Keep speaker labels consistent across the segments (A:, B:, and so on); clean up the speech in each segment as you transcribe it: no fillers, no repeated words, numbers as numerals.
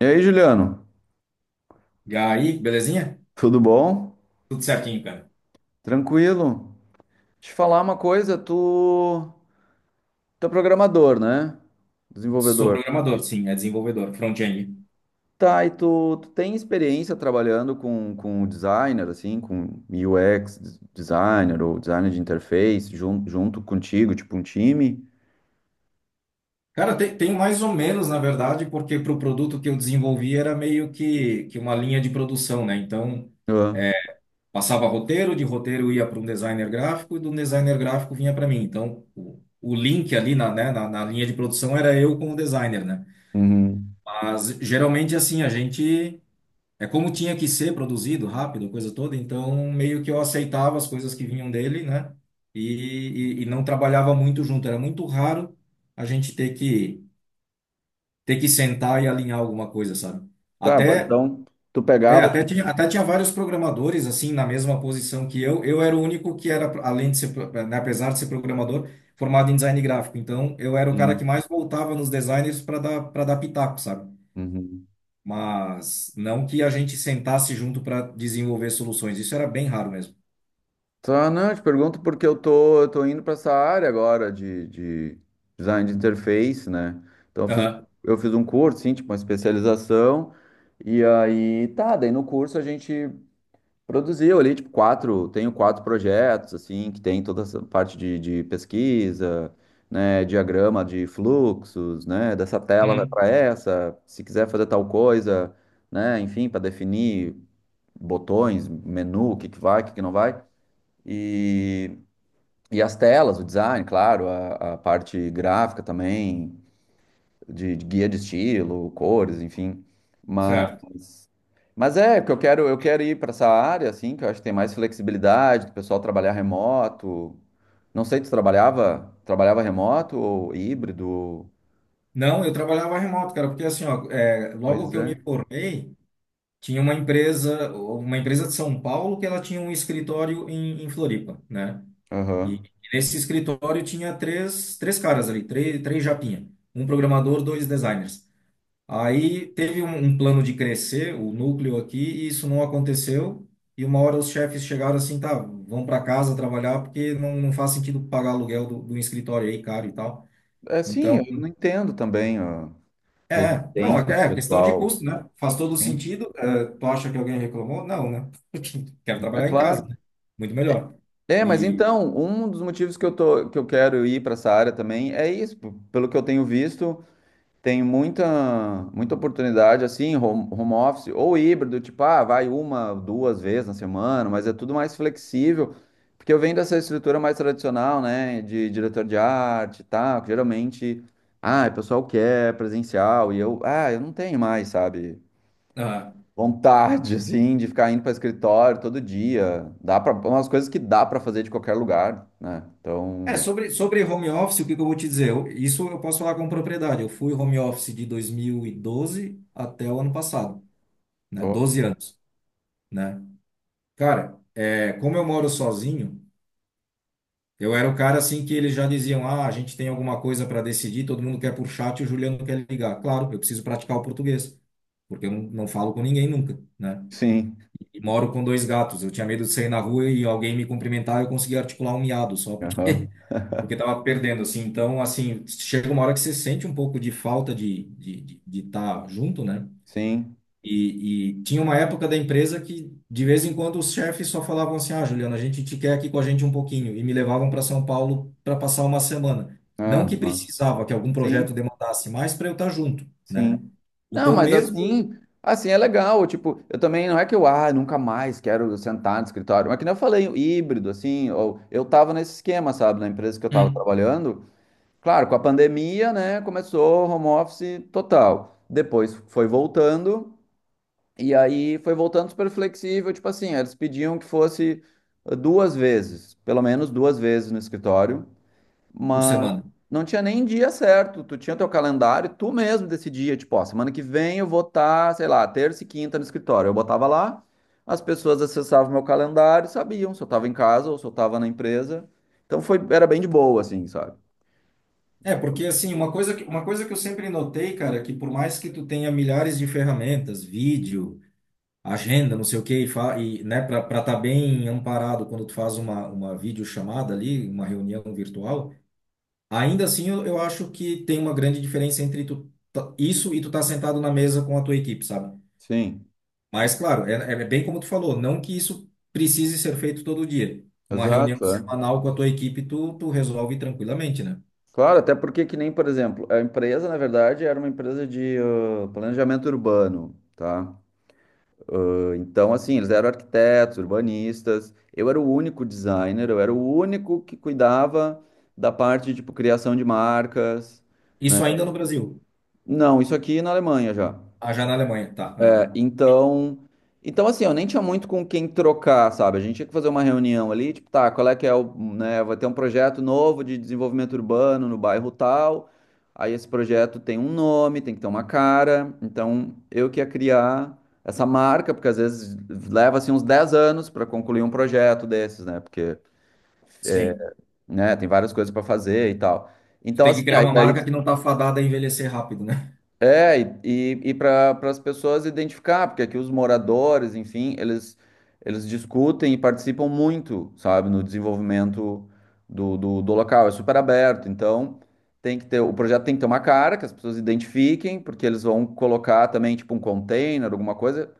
A: E aí, Juliano?
B: E aí, belezinha?
A: Tudo bom?
B: Tudo certinho, cara.
A: Tranquilo? Te falar uma coisa, tu é programador, né?
B: Sou
A: Desenvolvedor.
B: programador, sim, é desenvolvedor, front-end.
A: Tá, e tu tem experiência trabalhando com o designer, assim, com UX designer ou designer de interface, junto contigo, tipo um time?
B: Cara, tem mais ou menos, na verdade, porque para o produto que eu desenvolvi era meio que uma linha de produção, né? Então,
A: Ah.
B: passava roteiro, de roteiro ia para um designer gráfico e do designer gráfico vinha para mim. Então, o link ali na linha de produção era eu com o designer, né?
A: Uhum.
B: Mas, geralmente, assim, a gente. É como tinha que ser produzido rápido, coisa toda, então meio que eu aceitava as coisas que vinham dele, né? E não trabalhava muito junto. Era muito raro a gente ter que sentar e alinhar alguma coisa, sabe?
A: Tá,
B: Até
A: então tu
B: é,
A: pegava,
B: até
A: tipo.
B: tinha, até tinha vários programadores assim na mesma posição que eu. Eu era o único que era além de ser, apesar de ser programador, formado em design gráfico. Então eu era o cara
A: Sim.
B: que mais voltava nos designers para dar pitaco, sabe?
A: Uhum.
B: Mas não que a gente sentasse junto para desenvolver soluções. Isso era bem raro mesmo.
A: Tá, não, eu te pergunto porque eu tô indo para essa área agora de design de interface, né? Então
B: Aham.
A: eu fiz um curso, sim, tipo uma especialização, e aí tá, daí no curso a gente produziu ali, tipo, tenho quatro projetos, assim, que tem toda essa parte de pesquisa, né, diagrama de fluxos, né, dessa tela vai
B: Uhum.
A: para essa, se quiser fazer tal coisa, né, enfim, para definir botões, menu, o que que vai, o que que não vai. E e as telas, o design, claro, a parte gráfica também, de guia de estilo, cores, enfim. Mas,
B: Certo.
A: mas é, que eu quero ir para essa área, assim, que eu acho que tem mais flexibilidade, do pessoal trabalhar remoto. Não sei, tu trabalhava remoto ou híbrido?
B: Não, eu trabalhava remoto, cara, porque assim, ó, logo
A: Pois
B: que eu me
A: é.
B: formei, tinha uma empresa de São Paulo que ela tinha um escritório em Floripa, né? E
A: Aham.
B: nesse escritório tinha três caras ali, três japinha, um programador, dois designers. Aí teve um plano de crescer o núcleo aqui e isso não aconteceu. E uma hora os chefes chegaram assim, tá, vão para casa trabalhar porque não faz sentido pagar aluguel do escritório aí caro e tal.
A: É, sim,
B: Então,
A: eu não entendo também a
B: é, não,
A: resistência do
B: é questão de
A: pessoal.
B: custo, né? Faz todo
A: Sim,
B: sentido. É, tu acha que alguém reclamou? Não, né? Quero
A: é
B: trabalhar em casa,
A: claro.
B: né? Muito melhor.
A: É, mas
B: E
A: então, um dos motivos que eu quero ir para essa área também é isso. Pelo que eu tenho visto, tem muita, muita oportunidade assim, home office ou híbrido, tipo, vai uma, duas vezes na semana, mas é tudo mais flexível, porque eu venho dessa estrutura mais tradicional, né, de diretor de arte e tal, que geralmente, o pessoal quer presencial e eu não tenho mais, sabe?
B: ah,
A: Vontade, assim, de ficar indo para escritório todo dia. Dá para umas coisas que dá para fazer de qualquer lugar, né?
B: é
A: Então,
B: sobre home office, o que que eu vou te dizer? Isso eu posso falar com propriedade. Eu fui home office de 2012 até o ano passado. Né?
A: tô-
B: 12 anos, né? Cara, como eu moro sozinho, eu era o cara assim que eles já diziam: ah, a gente tem alguma coisa para decidir, todo mundo quer por chat e o Juliano quer ligar. Claro, eu preciso praticar o português, porque eu não falo com ninguém nunca, né?
A: sim.
B: E moro com dois gatos, eu tinha medo de sair na rua e alguém me cumprimentar, eu conseguia articular um miado só, porque,
A: Aham.
B: porque tava perdendo, assim. Então, assim, chega uma hora que você sente um pouco de falta de estar de tá junto, né?
A: Sim.
B: E tinha uma época da empresa que, de vez em quando, os chefes só falavam assim: Ah, Juliana, a gente te quer aqui com a gente um pouquinho. E me levavam para São Paulo para passar uma semana.
A: Ah,
B: Não que precisava que algum
A: sim,
B: projeto demandasse mais para eu estar junto, né?
A: sim. Não,
B: Então,
A: mas
B: mesmo.
A: assim é legal, tipo, eu também não é que eu nunca mais quero sentar no escritório, mas que nem eu falei, o híbrido assim, ou eu tava nesse esquema, sabe, na empresa que eu tava
B: Hum.
A: trabalhando. Claro, com a pandemia, né, começou home office total. Depois foi voltando. E aí foi voltando super flexível, tipo assim, eles pediam que fosse duas vezes, pelo menos duas vezes no escritório,
B: Por
A: mas
B: semana.
A: não tinha nem dia certo, tu tinha teu calendário, tu mesmo decidia, tipo, ó, semana que vem eu vou estar, sei lá, terça e quinta no escritório. Eu botava lá, as pessoas acessavam meu calendário, e sabiam se eu tava em casa ou se eu tava na empresa. Então era bem de boa, assim, sabe?
B: É, porque assim, uma coisa que eu sempre notei, cara, é que por mais que tu tenha milhares de ferramentas, vídeo, agenda, não sei o quê, e para estar bem amparado quando tu faz uma videochamada ali, uma reunião virtual. Ainda assim, eu acho que tem uma grande diferença entre isso e tu tá sentado na mesa com a tua equipe, sabe?
A: Sim,
B: Mas, claro, é, é bem como tu falou, não que isso precise ser feito todo dia. Uma reunião
A: exato, é.
B: semanal com a tua equipe, tu resolve tranquilamente, né?
A: Claro, até porque que nem, por exemplo, a empresa, na verdade, era uma empresa de planejamento urbano, tá? Ah, então, assim, eles eram arquitetos, urbanistas. Eu era o único designer, eu era o único que cuidava da parte, tipo, criação de marcas, né?
B: Isso ainda no Brasil.
A: Não, isso aqui é na Alemanha já.
B: Ah, já na Alemanha, tá.
A: É,
B: Aham.
A: então assim, eu nem tinha muito com quem trocar, sabe? A gente tinha que fazer uma reunião ali, tipo, tá, qual é que é o, né, vai ter um projeto novo de desenvolvimento urbano no bairro tal. Aí esse projeto tem um nome, tem que ter uma cara. Então, eu que ia criar essa marca, porque às vezes leva assim uns 10 anos para concluir um projeto desses, né? Porque,
B: Sim.
A: né, tem várias coisas para fazer e tal.
B: Tu
A: Então,
B: tem que
A: assim,
B: criar
A: aí
B: uma
A: daí.
B: marca que não tá fadada a envelhecer rápido, né?
A: É, e, para as pessoas identificar, porque aqui os moradores, enfim, eles discutem e participam muito, sabe, no desenvolvimento do local. É super aberto, então tem que ter, o projeto tem que ter uma cara que as pessoas identifiquem, porque eles vão colocar também, tipo, um container, alguma coisa,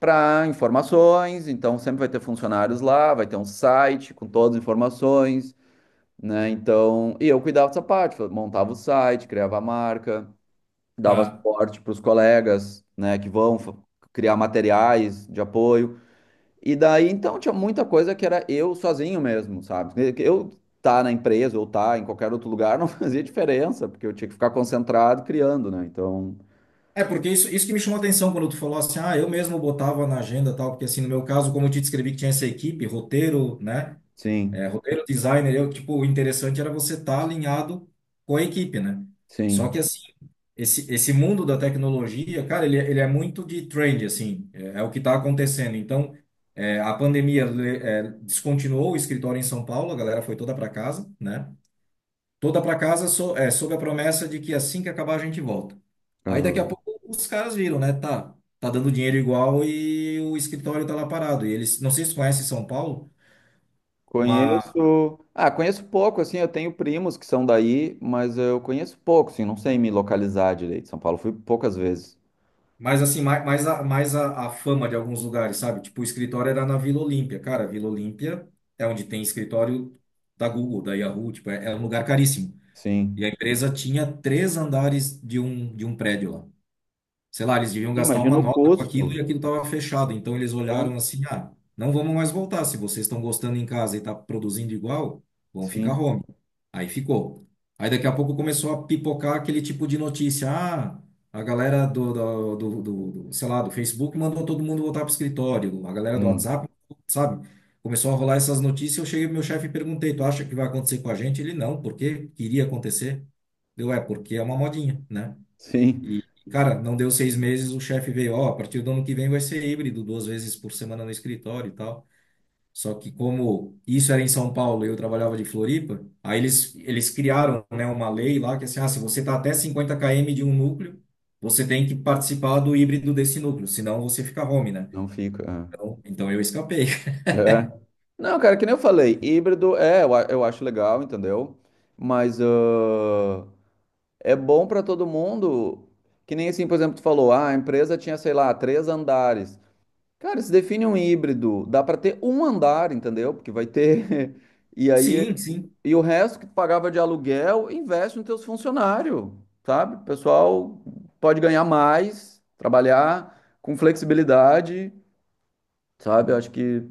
A: para informações. Então sempre vai ter funcionários lá, vai ter um site com todas as informações, né? Então, e eu cuidava dessa parte, montava o site, criava a marca, dava
B: Ah.
A: suporte para os colegas, né, que vão criar materiais de apoio. E daí, então, tinha muita coisa que era eu sozinho mesmo, sabe? Que eu tá na empresa ou tá em qualquer outro lugar não fazia diferença, porque eu tinha que ficar concentrado criando, né? Então,
B: É, porque isso que me chamou a atenção quando tu falou assim, ah, eu mesmo botava na agenda e tal, porque assim, no meu caso, como eu te descrevi que tinha essa equipe, roteiro, né?
A: sim,
B: É, roteiro designer, eu, tipo, o interessante era você estar alinhado com a equipe, né? Só
A: sim.
B: que, assim, esse mundo da tecnologia, cara, ele é muito de trend, assim, é, é o que está acontecendo. Então, a pandemia descontinuou o escritório em São Paulo, a galera foi toda para casa, né? Toda para casa sob a promessa de que assim que acabar a gente volta. Aí, daqui a
A: Aham.
B: pouco, os caras viram, né? Tá, tá dando dinheiro igual e o escritório tá lá parado. E eles, não sei se vocês conhecem São Paulo.
A: Conheço, ah, conheço pouco, assim, eu tenho primos que são daí, mas eu conheço pouco, assim, não sei me localizar direito. São Paulo fui poucas vezes.
B: Mas assim, mais a fama de alguns lugares, sabe? Tipo, o escritório era na Vila Olímpia. Cara, Vila Olímpia é onde tem escritório da Google, da Yahoo, tipo, é um lugar caríssimo. E a
A: Sim.
B: empresa tinha três andares de um prédio lá. Sei lá, eles deviam gastar uma
A: Imagina o
B: nota com aquilo e
A: custo,
B: aquilo estava fechado. Então eles olharam
A: né?
B: assim: ah, não vamos mais voltar. Se vocês estão gostando em casa e está produzindo igual, vão ficar
A: Sim.
B: home. Aí ficou. Aí daqui a pouco começou a pipocar aquele tipo de notícia: ah, a galera do, sei lá, do Facebook mandou todo mundo voltar para o escritório, a galera do
A: Hum.
B: WhatsApp, sabe? Começou a rolar essas notícias. Eu cheguei pro meu chefe e perguntei: tu acha que vai acontecer com a gente? Ele não, porque queria acontecer. Deu, porque é uma modinha, né?
A: Sim,
B: E, cara, não deu 6 meses, o chefe veio, ó, a partir do ano que vem vai ser híbrido, duas vezes por semana no escritório e tal. Só que como isso era em São Paulo e eu trabalhava de Floripa, aí eles criaram, né, uma lei lá que é assim, ah, se você está até 50 km de um núcleo, você tem que participar do híbrido desse núcleo, senão você fica home, né?
A: não fica.
B: Então eu escapei.
A: É. É. Não, cara, que nem eu falei, híbrido é, eu acho legal, entendeu? Mas é bom pra todo mundo. Que nem assim, por exemplo, tu falou, a empresa tinha, sei lá, três andares. Cara, se define um híbrido, dá pra ter um andar, entendeu? Porque vai ter. E aí,
B: Sim, sim.
A: e o resto que tu pagava de aluguel, investe nos teus funcionários, sabe? O pessoal pode ganhar mais, trabalhar com flexibilidade. Sabe? Eu acho que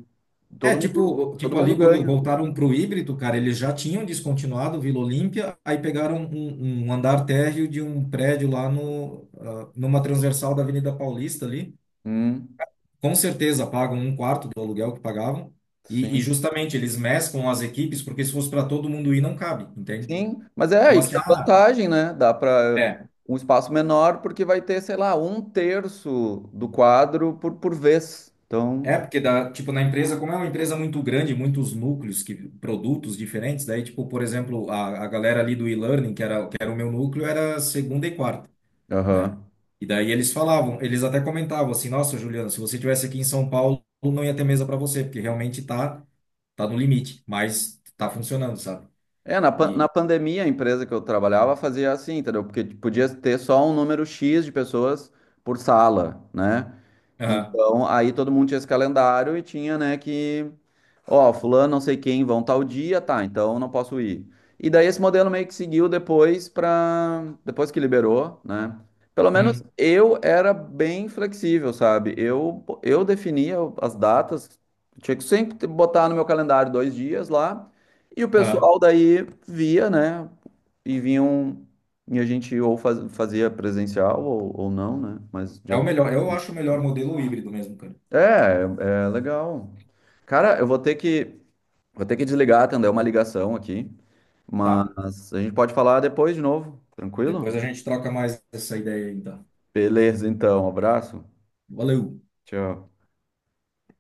B: É, tipo,
A: todo
B: tipo
A: mundo
B: ali quando
A: ganha.
B: voltaram pro híbrido, cara, eles já tinham descontinuado o Vila Olímpia, aí pegaram um andar térreo de um prédio lá no, ah, numa transversal da Avenida Paulista ali.
A: Hum,
B: Com certeza pagam um quarto do aluguel que pagavam. E
A: sim.
B: justamente eles mesclam as equipes, porque se fosse para todo mundo ir, não cabe, entende?
A: Sim, mas é
B: Então,
A: aí que
B: assim,
A: tá a vantagem, né? Dá para
B: é,
A: um espaço menor, porque vai ter, sei lá, um terço do quadro por vez. Então,
B: é porque na empresa, como é uma empresa muito grande, muitos núcleos, produtos diferentes, daí, tipo, por exemplo, a galera ali do e-learning, que era o meu núcleo, era segunda e quarta. Né?
A: aham.
B: E daí eles falavam, eles até comentavam assim, nossa, Juliana, se você tivesse aqui em São Paulo, não ia ter mesa para você, porque realmente tá no limite, mas tá funcionando, sabe?
A: É,
B: E
A: na pandemia, a empresa que eu trabalhava fazia assim, entendeu? Porque podia ter só um número X de pessoas por sala, né?
B: ah,
A: Então, aí todo mundo tinha esse calendário e tinha, né, que: ó, fulano, não sei quem, vão tal dia, tá, então eu não posso ir. E daí esse modelo meio que seguiu depois para depois que liberou, né? Pelo menos
B: hum,
A: eu era bem flexível, sabe? Eu definia as datas, tinha que sempre botar no meu calendário 2 dias lá, e o
B: ah,
A: pessoal daí via, né? E vinham e a gente ou fazia presencial ou não, né? Mas de
B: é o
A: acordo.
B: melhor, eu acho o melhor modelo híbrido mesmo, cara.
A: É, é legal. Cara, eu vou ter que Vou ter que desligar, atender uma ligação aqui,
B: Tá.
A: mas a gente pode falar depois de novo, tranquilo?
B: Depois a gente troca mais essa ideia aí, então.
A: Beleza, então, abraço.
B: Valeu.
A: Tchau.